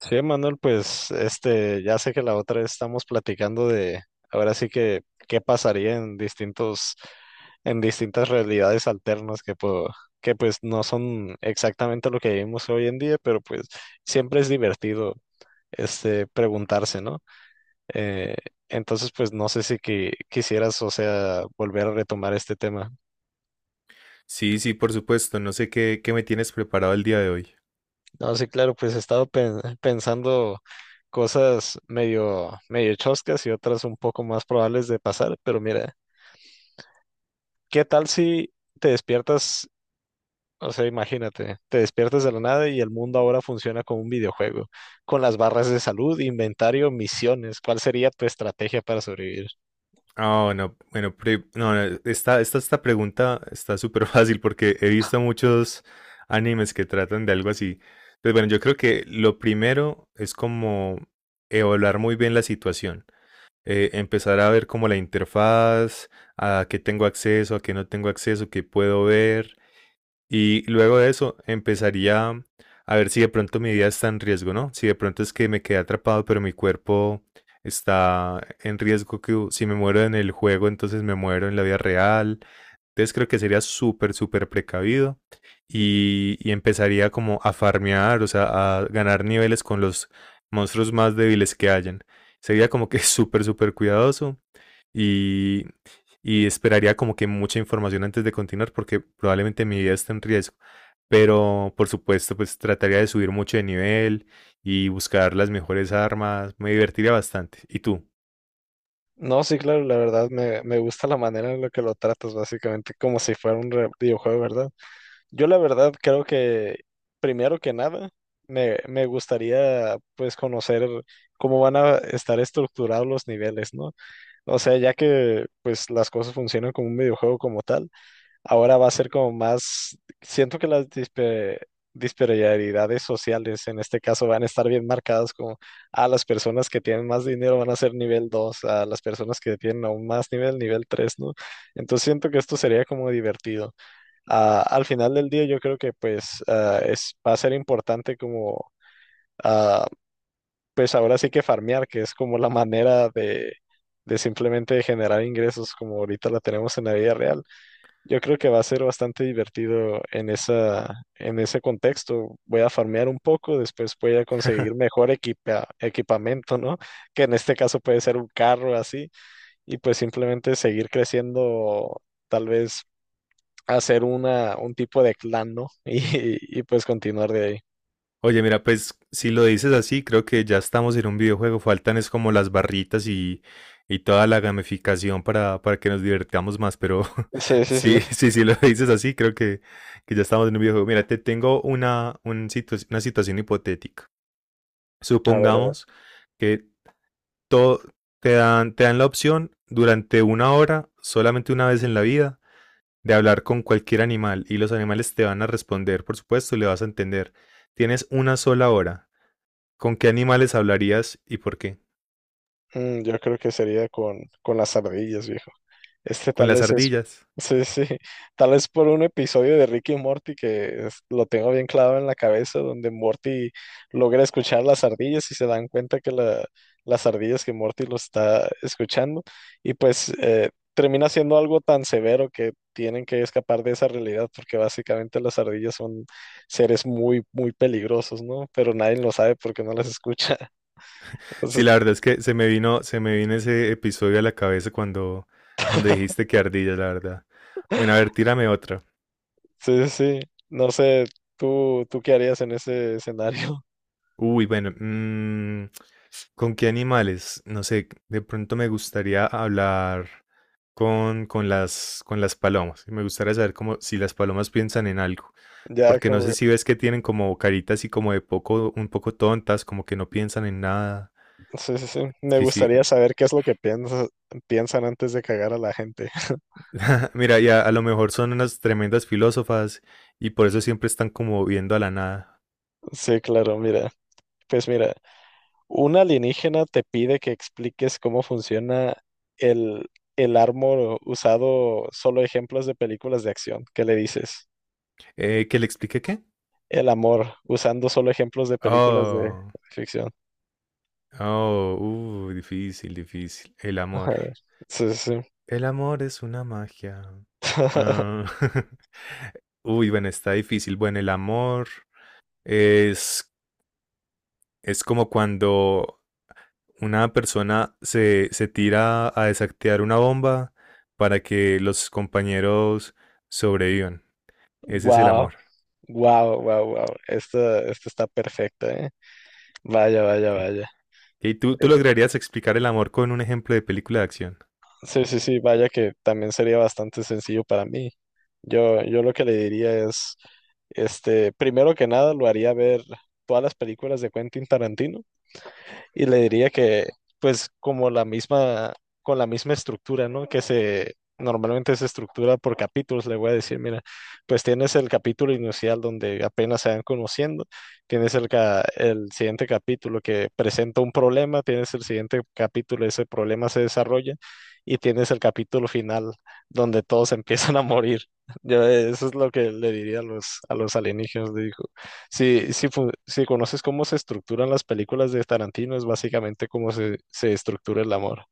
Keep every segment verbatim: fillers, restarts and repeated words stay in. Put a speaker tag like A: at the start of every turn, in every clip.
A: Sí, Manuel, pues este, ya sé que la otra vez estamos platicando de, ahora sí que, qué pasaría en distintos, en distintas realidades alternas que, po- que pues no son exactamente lo que vivimos hoy en día, pero pues siempre es divertido este, preguntarse, ¿no? Eh, entonces, pues no sé si qui- quisieras, o sea, volver a retomar este tema.
B: Sí, sí, por supuesto. No sé qué, qué me tienes preparado el día de hoy.
A: No, sí, claro, pues he estado pen- pensando cosas medio, medio choscas y otras un poco más probables de pasar, pero mira, ¿qué tal si te despiertas, o sea, imagínate, te despiertas de la nada y el mundo ahora funciona como un videojuego, con las barras de salud, inventario, misiones? ¿Cuál sería tu estrategia para sobrevivir?
B: Ah, bueno, bueno, pre- no, no, esta, esta, esta pregunta está súper fácil porque he visto muchos animes que tratan de algo así. Entonces, bueno, yo creo que lo primero es como evaluar muy bien la situación. Eh, empezar a ver como la interfaz, a qué tengo acceso, a qué no tengo acceso, qué puedo ver. Y luego de eso empezaría a ver si de pronto mi vida está en riesgo, ¿no? Si de pronto es que me quedé atrapado, pero mi cuerpo está en riesgo, que si me muero en el juego, entonces me muero en la vida real. Entonces creo que sería súper, súper precavido y, y empezaría como a farmear, o sea, a ganar niveles con los monstruos más débiles que hayan. Sería como que súper, súper cuidadoso y, y esperaría como que mucha información antes de continuar porque probablemente mi vida está en riesgo. Pero por supuesto, pues trataría de subir mucho de nivel y buscar las mejores armas. Me divertiría bastante. ¿Y tú?
A: No, sí, claro, la verdad me, me gusta la manera en la que lo tratas, básicamente, como si fuera un re- videojuego, ¿verdad? Yo la verdad creo que primero que nada me, me gustaría pues conocer cómo van a estar estructurados los niveles, ¿no? O sea, ya que pues las cosas funcionan como un videojuego como tal, ahora va a ser como más, siento que las dispe- disparidades sociales en este caso van a estar bien marcadas, como a las personas que tienen más dinero van a ser nivel dos, a las personas que tienen aún más nivel, nivel tres, ¿no? Entonces siento que esto sería como divertido. Ah, al final del día yo creo que pues ah, es, va a ser importante como ah, pues ahora sí que farmear, que es como la manera de, de simplemente generar ingresos como ahorita la tenemos en la vida real. Yo creo que va a ser bastante divertido en esa, en ese contexto. Voy a farmear un poco, después voy a conseguir mejor equipa- equipamiento, ¿no? Que en este caso puede ser un carro así, y pues simplemente seguir creciendo. Tal vez hacer una, un tipo de clan, ¿no? Y, y pues continuar de ahí.
B: Oye, mira, pues si lo dices así, creo que ya estamos en un videojuego. Faltan es como las barritas y, y toda la gamificación para, para que nos divertamos más. Pero
A: Sí, sí, sí.
B: sí, sí, sí lo dices así, creo que, que ya estamos en un videojuego. Mira, te tengo una, un situa- una situación hipotética.
A: A ver, a ver.
B: Supongamos que todo, te dan, te dan la opción durante una hora, solamente una vez en la vida, de hablar con cualquier animal y los animales te van a responder, por supuesto, le vas a entender. Tienes una sola hora. ¿Con qué animales hablarías y por qué?
A: Mm, yo creo que sería con, con las ardillas, viejo. Este
B: Con
A: tal
B: las
A: vez es,
B: ardillas.
A: sí, sí, tal vez por un episodio de Ricky y Morty que es- lo tengo bien clavado en la cabeza, donde Morty logra escuchar las ardillas y se dan cuenta que la- las ardillas, que Morty lo está escuchando, y pues eh, termina siendo algo tan severo que tienen que escapar de esa realidad, porque básicamente las ardillas son seres muy, muy peligrosos, ¿no? Pero nadie lo sabe porque no las escucha.
B: Sí,
A: Entonces,
B: la verdad es que se me vino, se me vino ese episodio a la cabeza cuando, cuando dijiste que ardillas, la verdad. Bueno, a ver, tírame otra.
A: sí, sí, sí. No sé, ¿tú, tú qué harías en ese escenario?
B: Uy, bueno, mm, ¿con qué animales? No sé, de pronto me gustaría hablar con, con las, con las palomas. Me gustaría saber cómo, si las palomas piensan en algo.
A: Ya,
B: Porque no
A: como,
B: sé
A: que-
B: si ves que tienen como caritas y como de poco, un poco tontas, como que no piensan en nada.
A: sí, sí, sí. Me
B: Sí, sí.
A: gustaría saber qué es lo que piensa- piensan antes de cagar a la gente.
B: Mira, ya a lo mejor son unas tremendas filósofas y por eso siempre están como viendo a la nada.
A: Sí, claro, mira. Pues mira, un alienígena te pide que expliques cómo funciona el, el amor usado solo ejemplos de películas de acción. ¿Qué le dices?
B: Eh, ¿que le explique qué?
A: El amor usando solo ejemplos de películas de
B: Oh,
A: ficción.
B: oh, uh, Difícil, difícil. El amor.
A: Sí, sí.
B: El amor es una magia. Ah, uy, bueno, está difícil. Bueno, el amor es, es como cuando una persona se, se tira a desactivar una bomba para que los compañeros sobrevivan. Ese es el
A: Wow,
B: amor.
A: wow, wow, wow. Esta, esta está perfecta, ¿eh? Vaya, vaya,
B: Ok.
A: vaya.
B: ¿Y tú, tú lograrías explicar el amor con un ejemplo de película de acción?
A: Sí, sí, sí, vaya que también sería bastante sencillo para mí. Yo, yo lo que le diría es, este, primero que nada, lo haría ver todas las películas de Quentin Tarantino y le diría que, pues, como la misma, con la misma estructura, ¿no? Que se, normalmente se estructura por capítulos. Le voy a decir, mira, pues tienes el capítulo inicial donde apenas se van conociendo, tienes el, ca- el siguiente capítulo que presenta un problema, tienes el siguiente capítulo, ese problema se desarrolla, y tienes el capítulo final donde todos empiezan a morir. Yo, eh, eso es lo que le diría a los, a los alienígenas, le digo. Si, si, fu- si conoces cómo se estructuran las películas de Tarantino, es básicamente cómo se, se estructura el amor.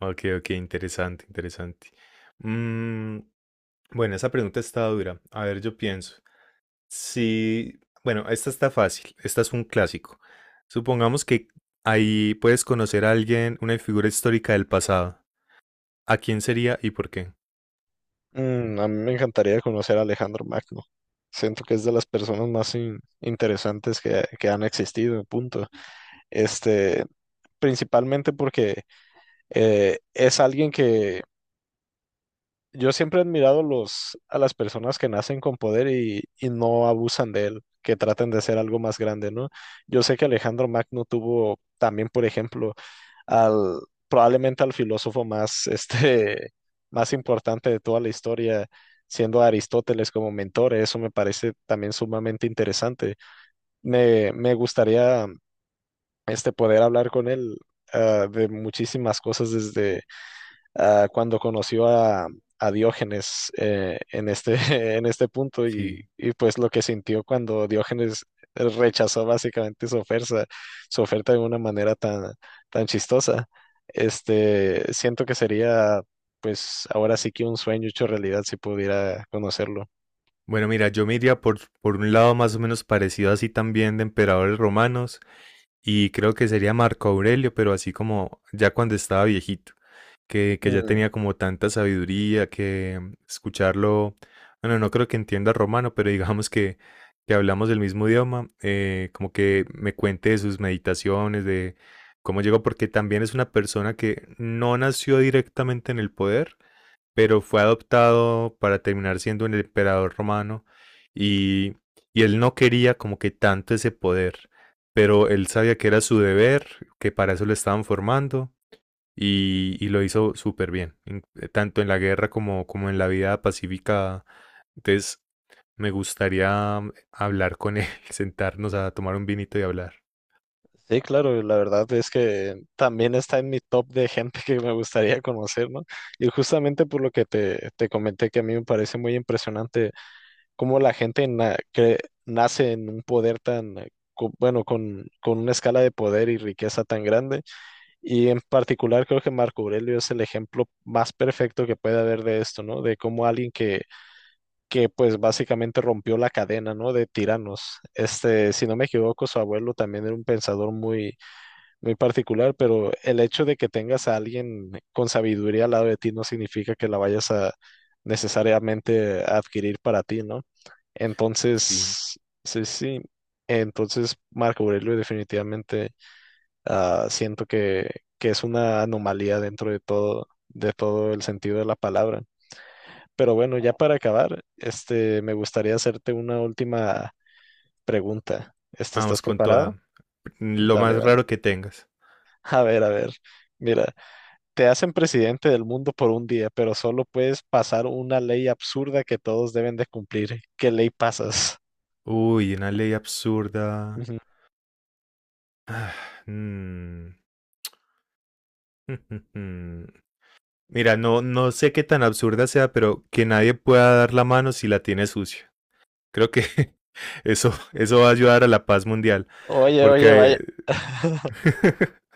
B: Ok, ok, interesante, interesante. Mm, Bueno, esa pregunta está dura. A ver, yo pienso. Si, bueno, esta está fácil. Esta es un clásico. Supongamos que ahí puedes conocer a alguien, una figura histórica del pasado. ¿A quién sería y por qué?
A: Mm, a mí me encantaría conocer a Alejandro Magno. Siento que es de las personas más in- interesantes que, que han existido, punto. Este, Principalmente porque eh, es alguien que yo siempre he admirado los, a las personas que nacen con poder y, y no abusan de él, que traten de ser algo más grande, ¿no? Yo sé que Alejandro Magno tuvo también, por ejemplo, al probablemente al filósofo más, este, más importante de toda la historia, siendo a Aristóteles como mentor. Eso me parece también sumamente interesante. Me, me gustaría este, poder hablar con él ah, de muchísimas cosas desde ah, cuando conoció a, a Diógenes eh, en este, en este punto y,
B: Sí.
A: y pues lo que sintió cuando Diógenes rechazó básicamente su oferta, su oferta de una manera tan, tan chistosa. Este, siento que sería pues ahora sí que un sueño hecho realidad si pudiera conocerlo.
B: Bueno, mira, yo me iría por, por un lado más o menos parecido así también de emperadores romanos y creo que sería Marco Aurelio, pero así como ya cuando estaba viejito. que, que ya
A: Mm,
B: tenía como tanta sabiduría que escucharlo, bueno, no creo que entienda romano, pero digamos que, que hablamos del mismo idioma, eh, como que me cuente de sus meditaciones, de cómo llegó, porque también es una persona que no nació directamente en el poder, pero fue adoptado para terminar siendo el emperador romano y, y él no quería como que tanto ese poder, pero él sabía que era su deber, que para eso lo estaban formando y, y lo hizo súper bien, en- eh, tanto en la guerra como, como en la vida pacífica. Entonces, me gustaría mm, hablar con él, sentarnos a tomar un vinito y hablar.
A: sí, claro, la verdad es que también está en mi top de gente que me gustaría conocer, ¿no? Y justamente por lo que te, te comenté que a mí me parece muy impresionante cómo la gente na- que nace en un poder tan, eh, co- bueno, con, con una escala de poder y riqueza tan grande. Y en particular creo que Marco Aurelio es el ejemplo más perfecto que puede haber de esto, ¿no? De cómo alguien que, que pues básicamente rompió la cadena, ¿no? De tiranos. Este, si no me equivoco, su abuelo también era un pensador muy muy particular, pero el hecho de que tengas a alguien con sabiduría al lado de ti no significa que la vayas a necesariamente a adquirir para ti, ¿no?
B: Sí,
A: Entonces, sí, sí. Entonces, Marco Aurelio definitivamente ah, siento que, que es una anomalía dentro de todo, de todo el sentido de la palabra. Pero bueno, ya para acabar, este, me gustaría hacerte una última pregunta. Este, ¿estás
B: vamos con
A: preparado?
B: toda. Lo
A: Dale,
B: más
A: dale.
B: raro que tengas.
A: A ver, a ver. Mira. Te hacen presidente del mundo por un día, pero solo puedes pasar una ley absurda que todos deben de cumplir. ¿Qué ley pasas?
B: Uy, una ley absurda.
A: Ujú.
B: Mm, Mira, no, no sé qué tan absurda sea, pero que nadie pueda dar la mano si la tiene sucia. Creo que eso, eso va a ayudar a la paz mundial,
A: Oye, oye, vaya,
B: porque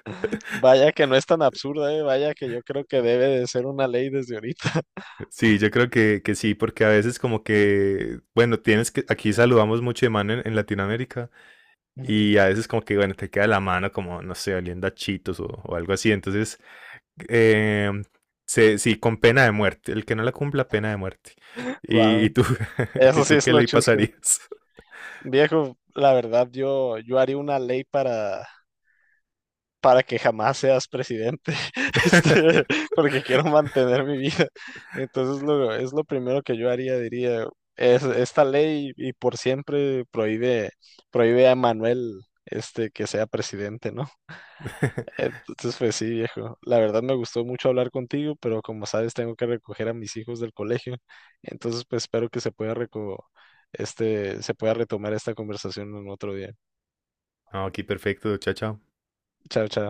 A: vaya que no es tan absurda, eh. Vaya que yo creo que debe de ser una ley desde ahorita.
B: sí, yo creo que, que sí, porque a veces como que, bueno, tienes que, aquí saludamos mucho de mano en, en Latinoamérica
A: Ujú.
B: y a veces como que, bueno, te queda la mano como, no sé, oliendo a chitos o, o algo así, entonces, eh, se, sí, con pena de muerte, el que no la cumpla, pena de muerte. ¿Y, y
A: Wow,
B: tú, y
A: eso sí
B: tú
A: es
B: qué
A: lo
B: ley
A: chusco.
B: pasarías?
A: Viejo, la verdad yo yo haría una ley para para que jamás seas presidente, este, porque quiero mantener mi vida. Entonces lo, es lo primero que yo haría. Diría, es, esta ley y por siempre prohíbe, prohíbe a Manuel este, que sea presidente, ¿no? Entonces pues sí, viejo, la verdad me gustó mucho hablar contigo, pero como sabes tengo que recoger a mis hijos del colegio, entonces pues espero que se pueda reco- este, se pueda retomar esta conversación en otro día.
B: No, aquí perfecto, chao, chao.
A: Chao, chao.